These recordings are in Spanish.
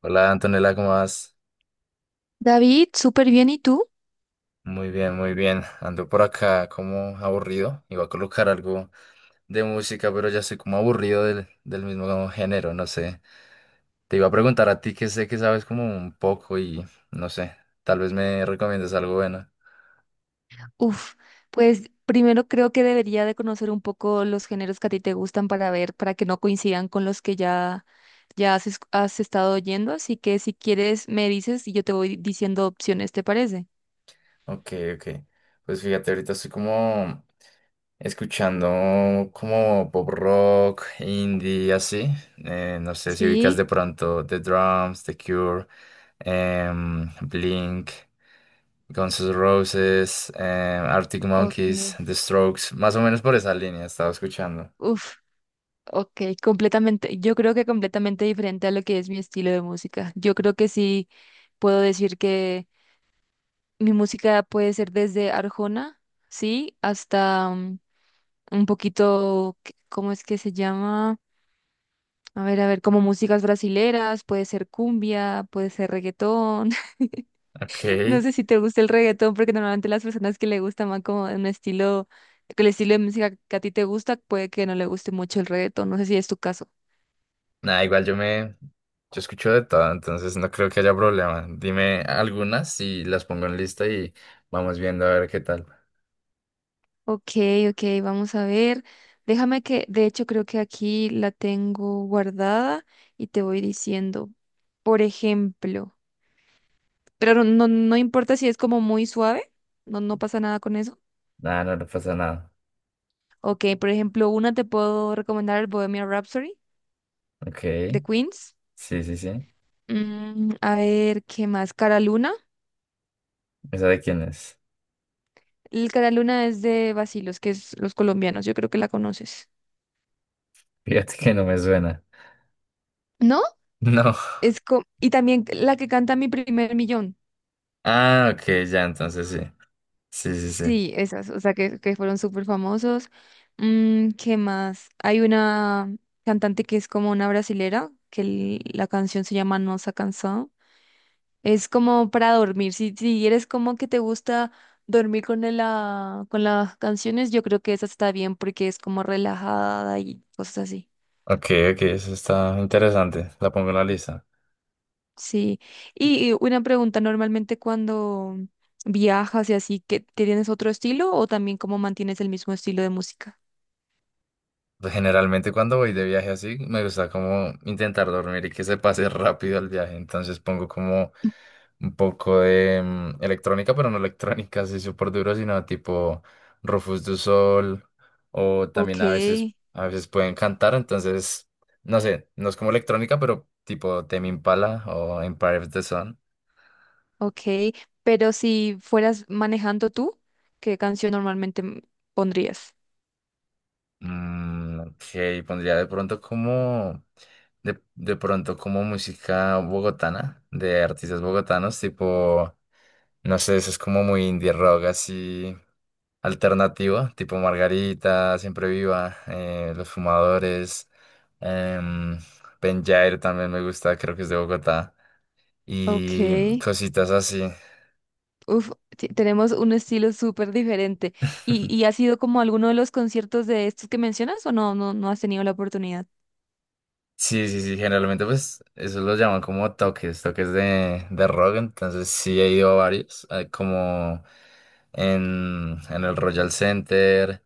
Hola Antonella, ¿cómo vas? David, súper bien. ¿Y tú? Muy bien, muy bien. Ando por acá como aburrido. Iba a colocar algo de música, pero ya estoy como aburrido del mismo género, no sé. Te iba a preguntar a ti que sé que sabes como un poco y no sé, tal vez me recomiendas algo bueno. Uf, pues primero creo que debería de conocer un poco los géneros que a ti te gustan para ver, para que no coincidan con los que ya, ya has, has estado oyendo. Así que si quieres, me dices y yo te voy diciendo opciones, ¿te parece? Ok, ok. Pues fíjate, ahorita estoy como escuchando como pop rock, indie, así. No sé si ubicas Sí, de pronto The Drums, The Cure, Blink, Guns N' Roses, Arctic ok. Monkeys, The Strokes, más o menos por esa línea estaba escuchando. Uf, ok, completamente. Yo creo que completamente diferente a lo que es mi estilo de música. Yo creo que sí puedo decir que mi música puede ser desde Arjona, sí, hasta un poquito. ¿Cómo es que se llama? A ver, como músicas brasileras, puede ser cumbia, puede ser reggaetón. Ok, No sé si te gusta el reggaetón, porque normalmente las personas que le gusta más como un estilo, que el estilo de música que a ti te gusta, puede que no le guste mucho el reggaetón. No sé si es tu caso. nada, igual Yo escucho de todo, entonces no creo que haya problema. Dime algunas y las pongo en lista y vamos viendo a ver qué tal. Ok, ok, vamos a ver. Déjame que, de hecho, creo que aquí la tengo guardada y te voy diciendo, por ejemplo, pero no, no importa si es como muy suave, no, no pasa nada con eso. Nada, no, no pasa nada. Ok, por ejemplo, una te puedo recomendar el Bohemian Rhapsody Ok, de Queens. sí, sí, sí. A ver, ¿qué más? Cara Luna. ¿Esa de quién es? El Cara Luna es de Vacilos, que es los colombianos. Yo creo que la conoces. Fíjate que no me suena. ¿No? No. Y también la que canta Mi primer millón. Ah, ok, ya, entonces sí. Sí, sí, sí. Sí, esas, o sea, que fueron súper famosos. ¿Qué más? Hay una cantante que es como una brasilera, que la canción se llama No se ha cansado. Es como para dormir. Si, si eres como que te gusta dormir con con las canciones, yo creo que esa está bien porque es como relajada y cosas así. Ok, ok, eso está interesante. La pongo en la lista. Sí. Y una pregunta, normalmente cuando viajas y así, ¿qué, tienes otro estilo o también cómo mantienes el mismo estilo de música? Pues, generalmente cuando voy de viaje así, me gusta como intentar dormir y que se pase rápido el viaje. Entonces pongo como un poco de electrónica, pero no electrónica así súper duro, sino tipo Rufus du Sol o también Ok, a veces pueden cantar. Entonces, no sé, no es como electrónica, pero tipo Tame Impala o Empire of the Sun. ok. Pero si fueras manejando tú, ¿qué canción normalmente pondrías? Ok, pondría de pronto como, de pronto como música bogotana, de artistas bogotanos, tipo, no sé, eso es como muy indie rock así alternativo, tipo Margarita, Siempre Viva, Los Fumadores, em, Penyair también me gusta, creo que es de Bogotá, Ok. y cositas así. Uf, tenemos un estilo súper diferente. ¿Y, y has ido como a alguno de los conciertos de estos que mencionas o no, no, no has tenido la oportunidad? Sí, sí, sí, generalmente pues eso lo llaman como toques, toques de rock, entonces sí he ido a varios, como en el Royal Center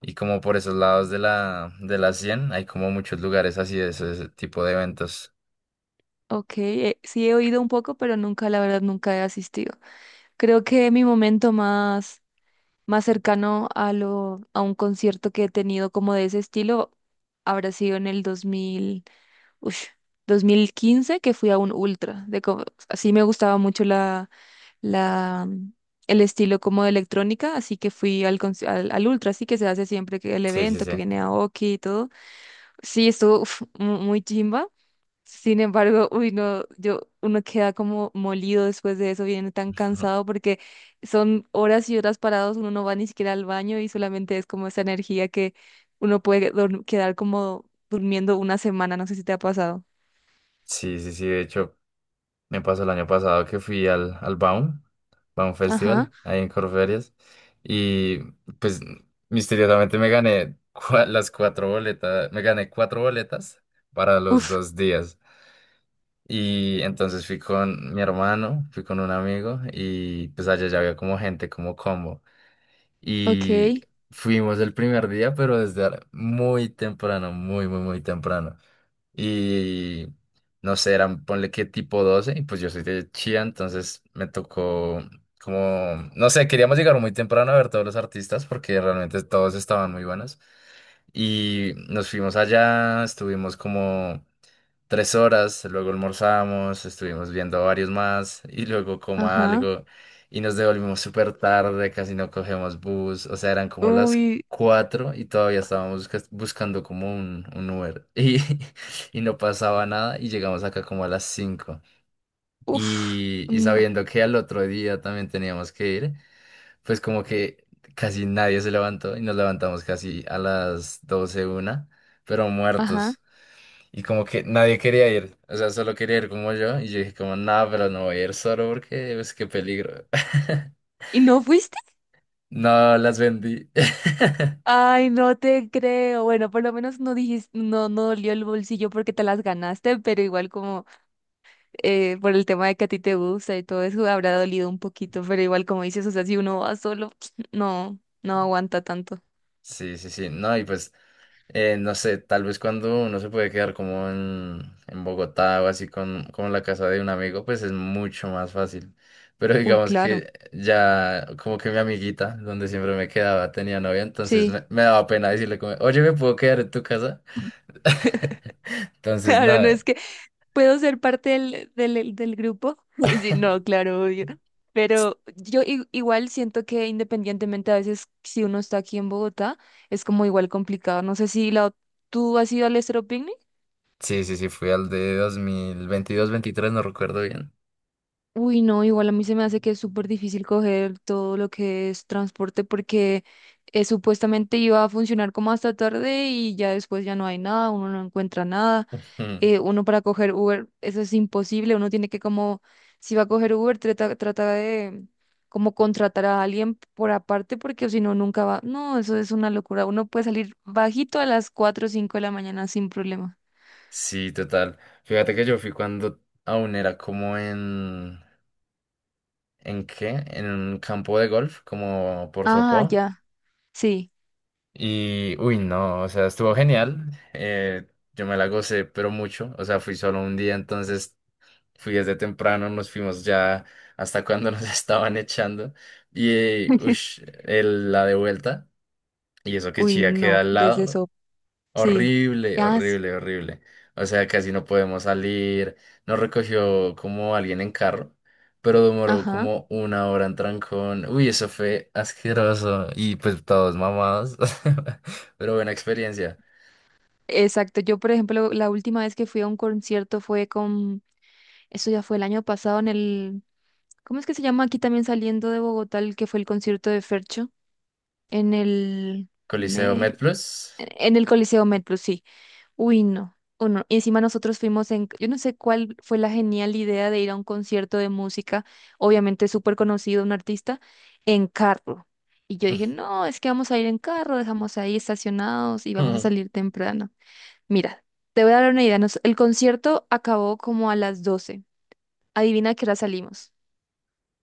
y como por esos lados de la 100, hay como muchos lugares así de ese tipo de eventos. Ok, sí he oído un poco, pero nunca, la verdad, nunca he asistido. Creo que mi momento más, más cercano a lo, a un concierto que he tenido como de ese estilo habrá sido en el 2000, ush, 2015 que fui a un ultra. Así me gustaba mucho la, el estilo como de electrónica, así que fui al Ultra, así que se hace siempre que el Sí, sí, evento, que sí. viene Aoki y todo. Sí, estuvo uf, muy chimba. Sin embargo, uy, no, uno queda como molido después de eso, viene tan cansado porque son horas y horas parados, uno no va ni siquiera al baño y solamente es como esa energía que uno puede quedar como durmiendo una semana, no sé si te ha pasado. Sí, sí, sí, de hecho, me pasó el año pasado que fui al Baum Ajá, Festival, ahí en Corferias, y pues misteriosamente me gané las cuatro boletas, me gané cuatro boletas para los uf, dos días. Y entonces fui con mi hermano, fui con un amigo, y pues allá ya había como gente, como combo. Y ok, fuimos el primer día, pero desde muy temprano, muy, muy, muy temprano y no sé, eran, ponle que tipo 12 y pues yo soy de Chía, entonces me tocó como, no sé, queríamos llegar muy temprano a ver todos los artistas porque realmente todos estaban muy buenos. Y nos fuimos allá, estuvimos como 3 horas, luego almorzamos, estuvimos viendo varios más y luego como ajá, algo y nos devolvimos súper tarde, casi no cogemos bus, o sea, eran como las uy, cuatro y todavía estábamos buscando como un Uber. Y no pasaba nada y llegamos acá como a las cinco. uf. Y sabiendo que al otro día también teníamos que ir, pues como que casi nadie se levantó y nos levantamos casi a las 12 una, pero Ajá. muertos. Y como que nadie quería ir, o sea, solo quería ir como yo. Y yo dije como, nada, pero no voy a ir solo porque, pues, qué peligro. ¿Y no fuiste? No, las vendí. Ay, no te creo. Bueno, por lo menos no dijiste, no, no dolió el bolsillo porque te las ganaste, pero igual como por el tema de que a ti te gusta y todo eso habrá dolido un poquito, pero igual como dices, o sea, si uno va solo, no, no aguanta tanto. Sí, sí, sí. No, y pues no sé, tal vez cuando uno se puede quedar como en Bogotá o así con, como en la casa de un amigo, pues es mucho más fácil. Pero Uy, digamos claro, que ya como que mi amiguita, donde siempre me quedaba, tenía novia, entonces sí. me daba pena decirle como, oye, ¿me puedo quedar en tu casa? Entonces, Claro, no nada. es que, ¿puedo ser parte del grupo? Sí, no, claro, obvio. Pero yo igual siento que independientemente a veces si uno está aquí en Bogotá, es como igual complicado. No sé si tú has ido al estroping. Sí, sí, sí, fui al de 2022, veintitrés, no recuerdo bien. Uy, no, igual a mí se me hace que es súper difícil coger todo lo que es transporte porque supuestamente iba a funcionar como hasta tarde y ya después ya no hay nada, uno no encuentra nada. Mm, Uno para coger Uber, eso es imposible, uno tiene que como, si va a coger Uber, trata de como contratar a alguien por aparte porque si no, nunca va. No, eso es una locura. Uno puede salir bajito a las 4 o 5 de la mañana sin problema. Sí, total. Fíjate que yo fui cuando aún era como en... ¿En qué? En un campo de golf, como por Ah, Sopó. ya. Sí. Y, uy, no, o sea, estuvo genial. eh, yo me la gocé, pero mucho. O sea, fui solo un día, entonces fui desde temprano, nos fuimos ya hasta cuando nos estaban echando. Y, uy, la de vuelta. Y eso que Uy, Chía queda no, al desde. lado. Sí. Horrible, Ah, sí. horrible, horrible. O sea, casi no podemos salir. Nos recogió como alguien en carro, pero demoró Ajá. como una hora en trancón. Uy, eso fue asqueroso. Y pues todos mamados. Pero buena experiencia. Exacto. Yo, por ejemplo, la última vez que fui a un concierto fue eso ya fue el año pasado ¿cómo es que se llama aquí también saliendo de Bogotá, el que fue el concierto de Fercho? En el, Coliseo me... MedPlus. en el Coliseo Metro, sí. Uy, no. O no. Y encima nosotros fuimos yo no sé cuál fue la genial idea de ir a un concierto de música, obviamente súper conocido, un artista, en carro. Y yo dije, no, es que vamos a ir en carro, dejamos ahí estacionados y vamos a salir temprano. Mira, te voy a dar una idea. El concierto acabó como a las doce. Adivina a qué hora salimos.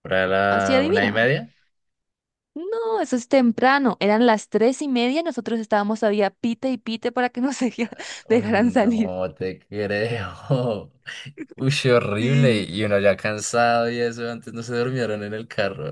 Para Así la una y adivina. media. No, eso es temprano. Eran las tres y media, nosotros estábamos todavía pite y pite para que nos Uy, dejaran salir. no te creo. Uy, sí, horrible. Sí. Y uno ya cansado y eso. Antes no se durmieron en el carro.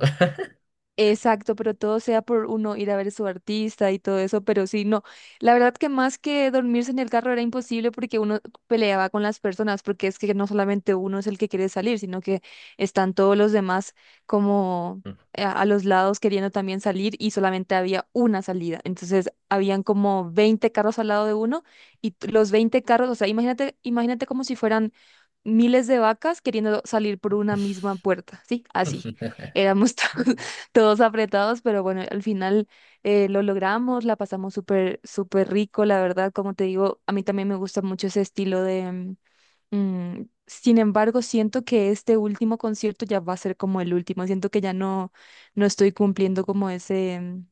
Exacto, pero todo sea por uno ir a ver a su artista y todo eso, pero sí, no. La verdad que más que dormirse en el carro era imposible porque uno peleaba con las personas, porque es que no solamente uno es el que quiere salir, sino que están todos los demás como a los lados queriendo también salir y solamente había una salida. Entonces, habían como 20 carros al lado de uno y los 20 carros, o sea, imagínate, imagínate como si fueran miles de vacas queriendo salir por una misma puerta, ¿sí? Así. Éramos todos todos apretados, pero bueno, al final lo logramos, la pasamos súper, súper rico, la verdad, como te digo, a mí también me gusta mucho ese estilo sin embargo, siento que este último concierto ya va a ser como el último. Siento que ya no, no estoy cumpliendo como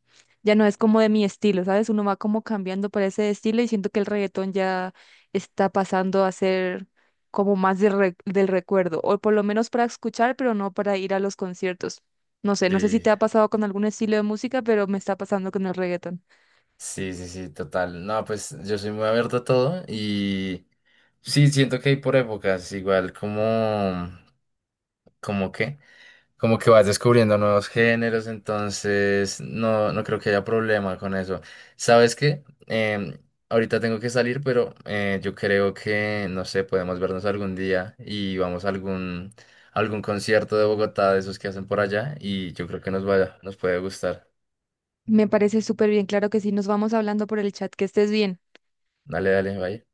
ya no es como de mi estilo, ¿sabes? Uno va como cambiando para ese estilo y siento que el reggaetón ya está pasando a ser como más de del recuerdo, o por lo menos para escuchar, pero no para ir a los conciertos. No sé si Sí. te ha pasado con algún estilo de música, pero me está pasando con el reggaetón. Sí, sí, sí, total. No, pues yo soy muy abierto a todo y sí, siento que hay por épocas, igual como que, como que vas descubriendo nuevos géneros, entonces no, no creo que haya problema con eso. ¿Sabes qué? Em, ahorita tengo que salir, pero yo creo que, no sé, podemos vernos algún día y vamos a algún concierto de Bogotá, de esos que hacen por allá, y yo creo que nos vaya, nos puede gustar. Me parece súper bien, claro que sí, nos vamos hablando por el chat, que estés bien. Dale, dale, vaya.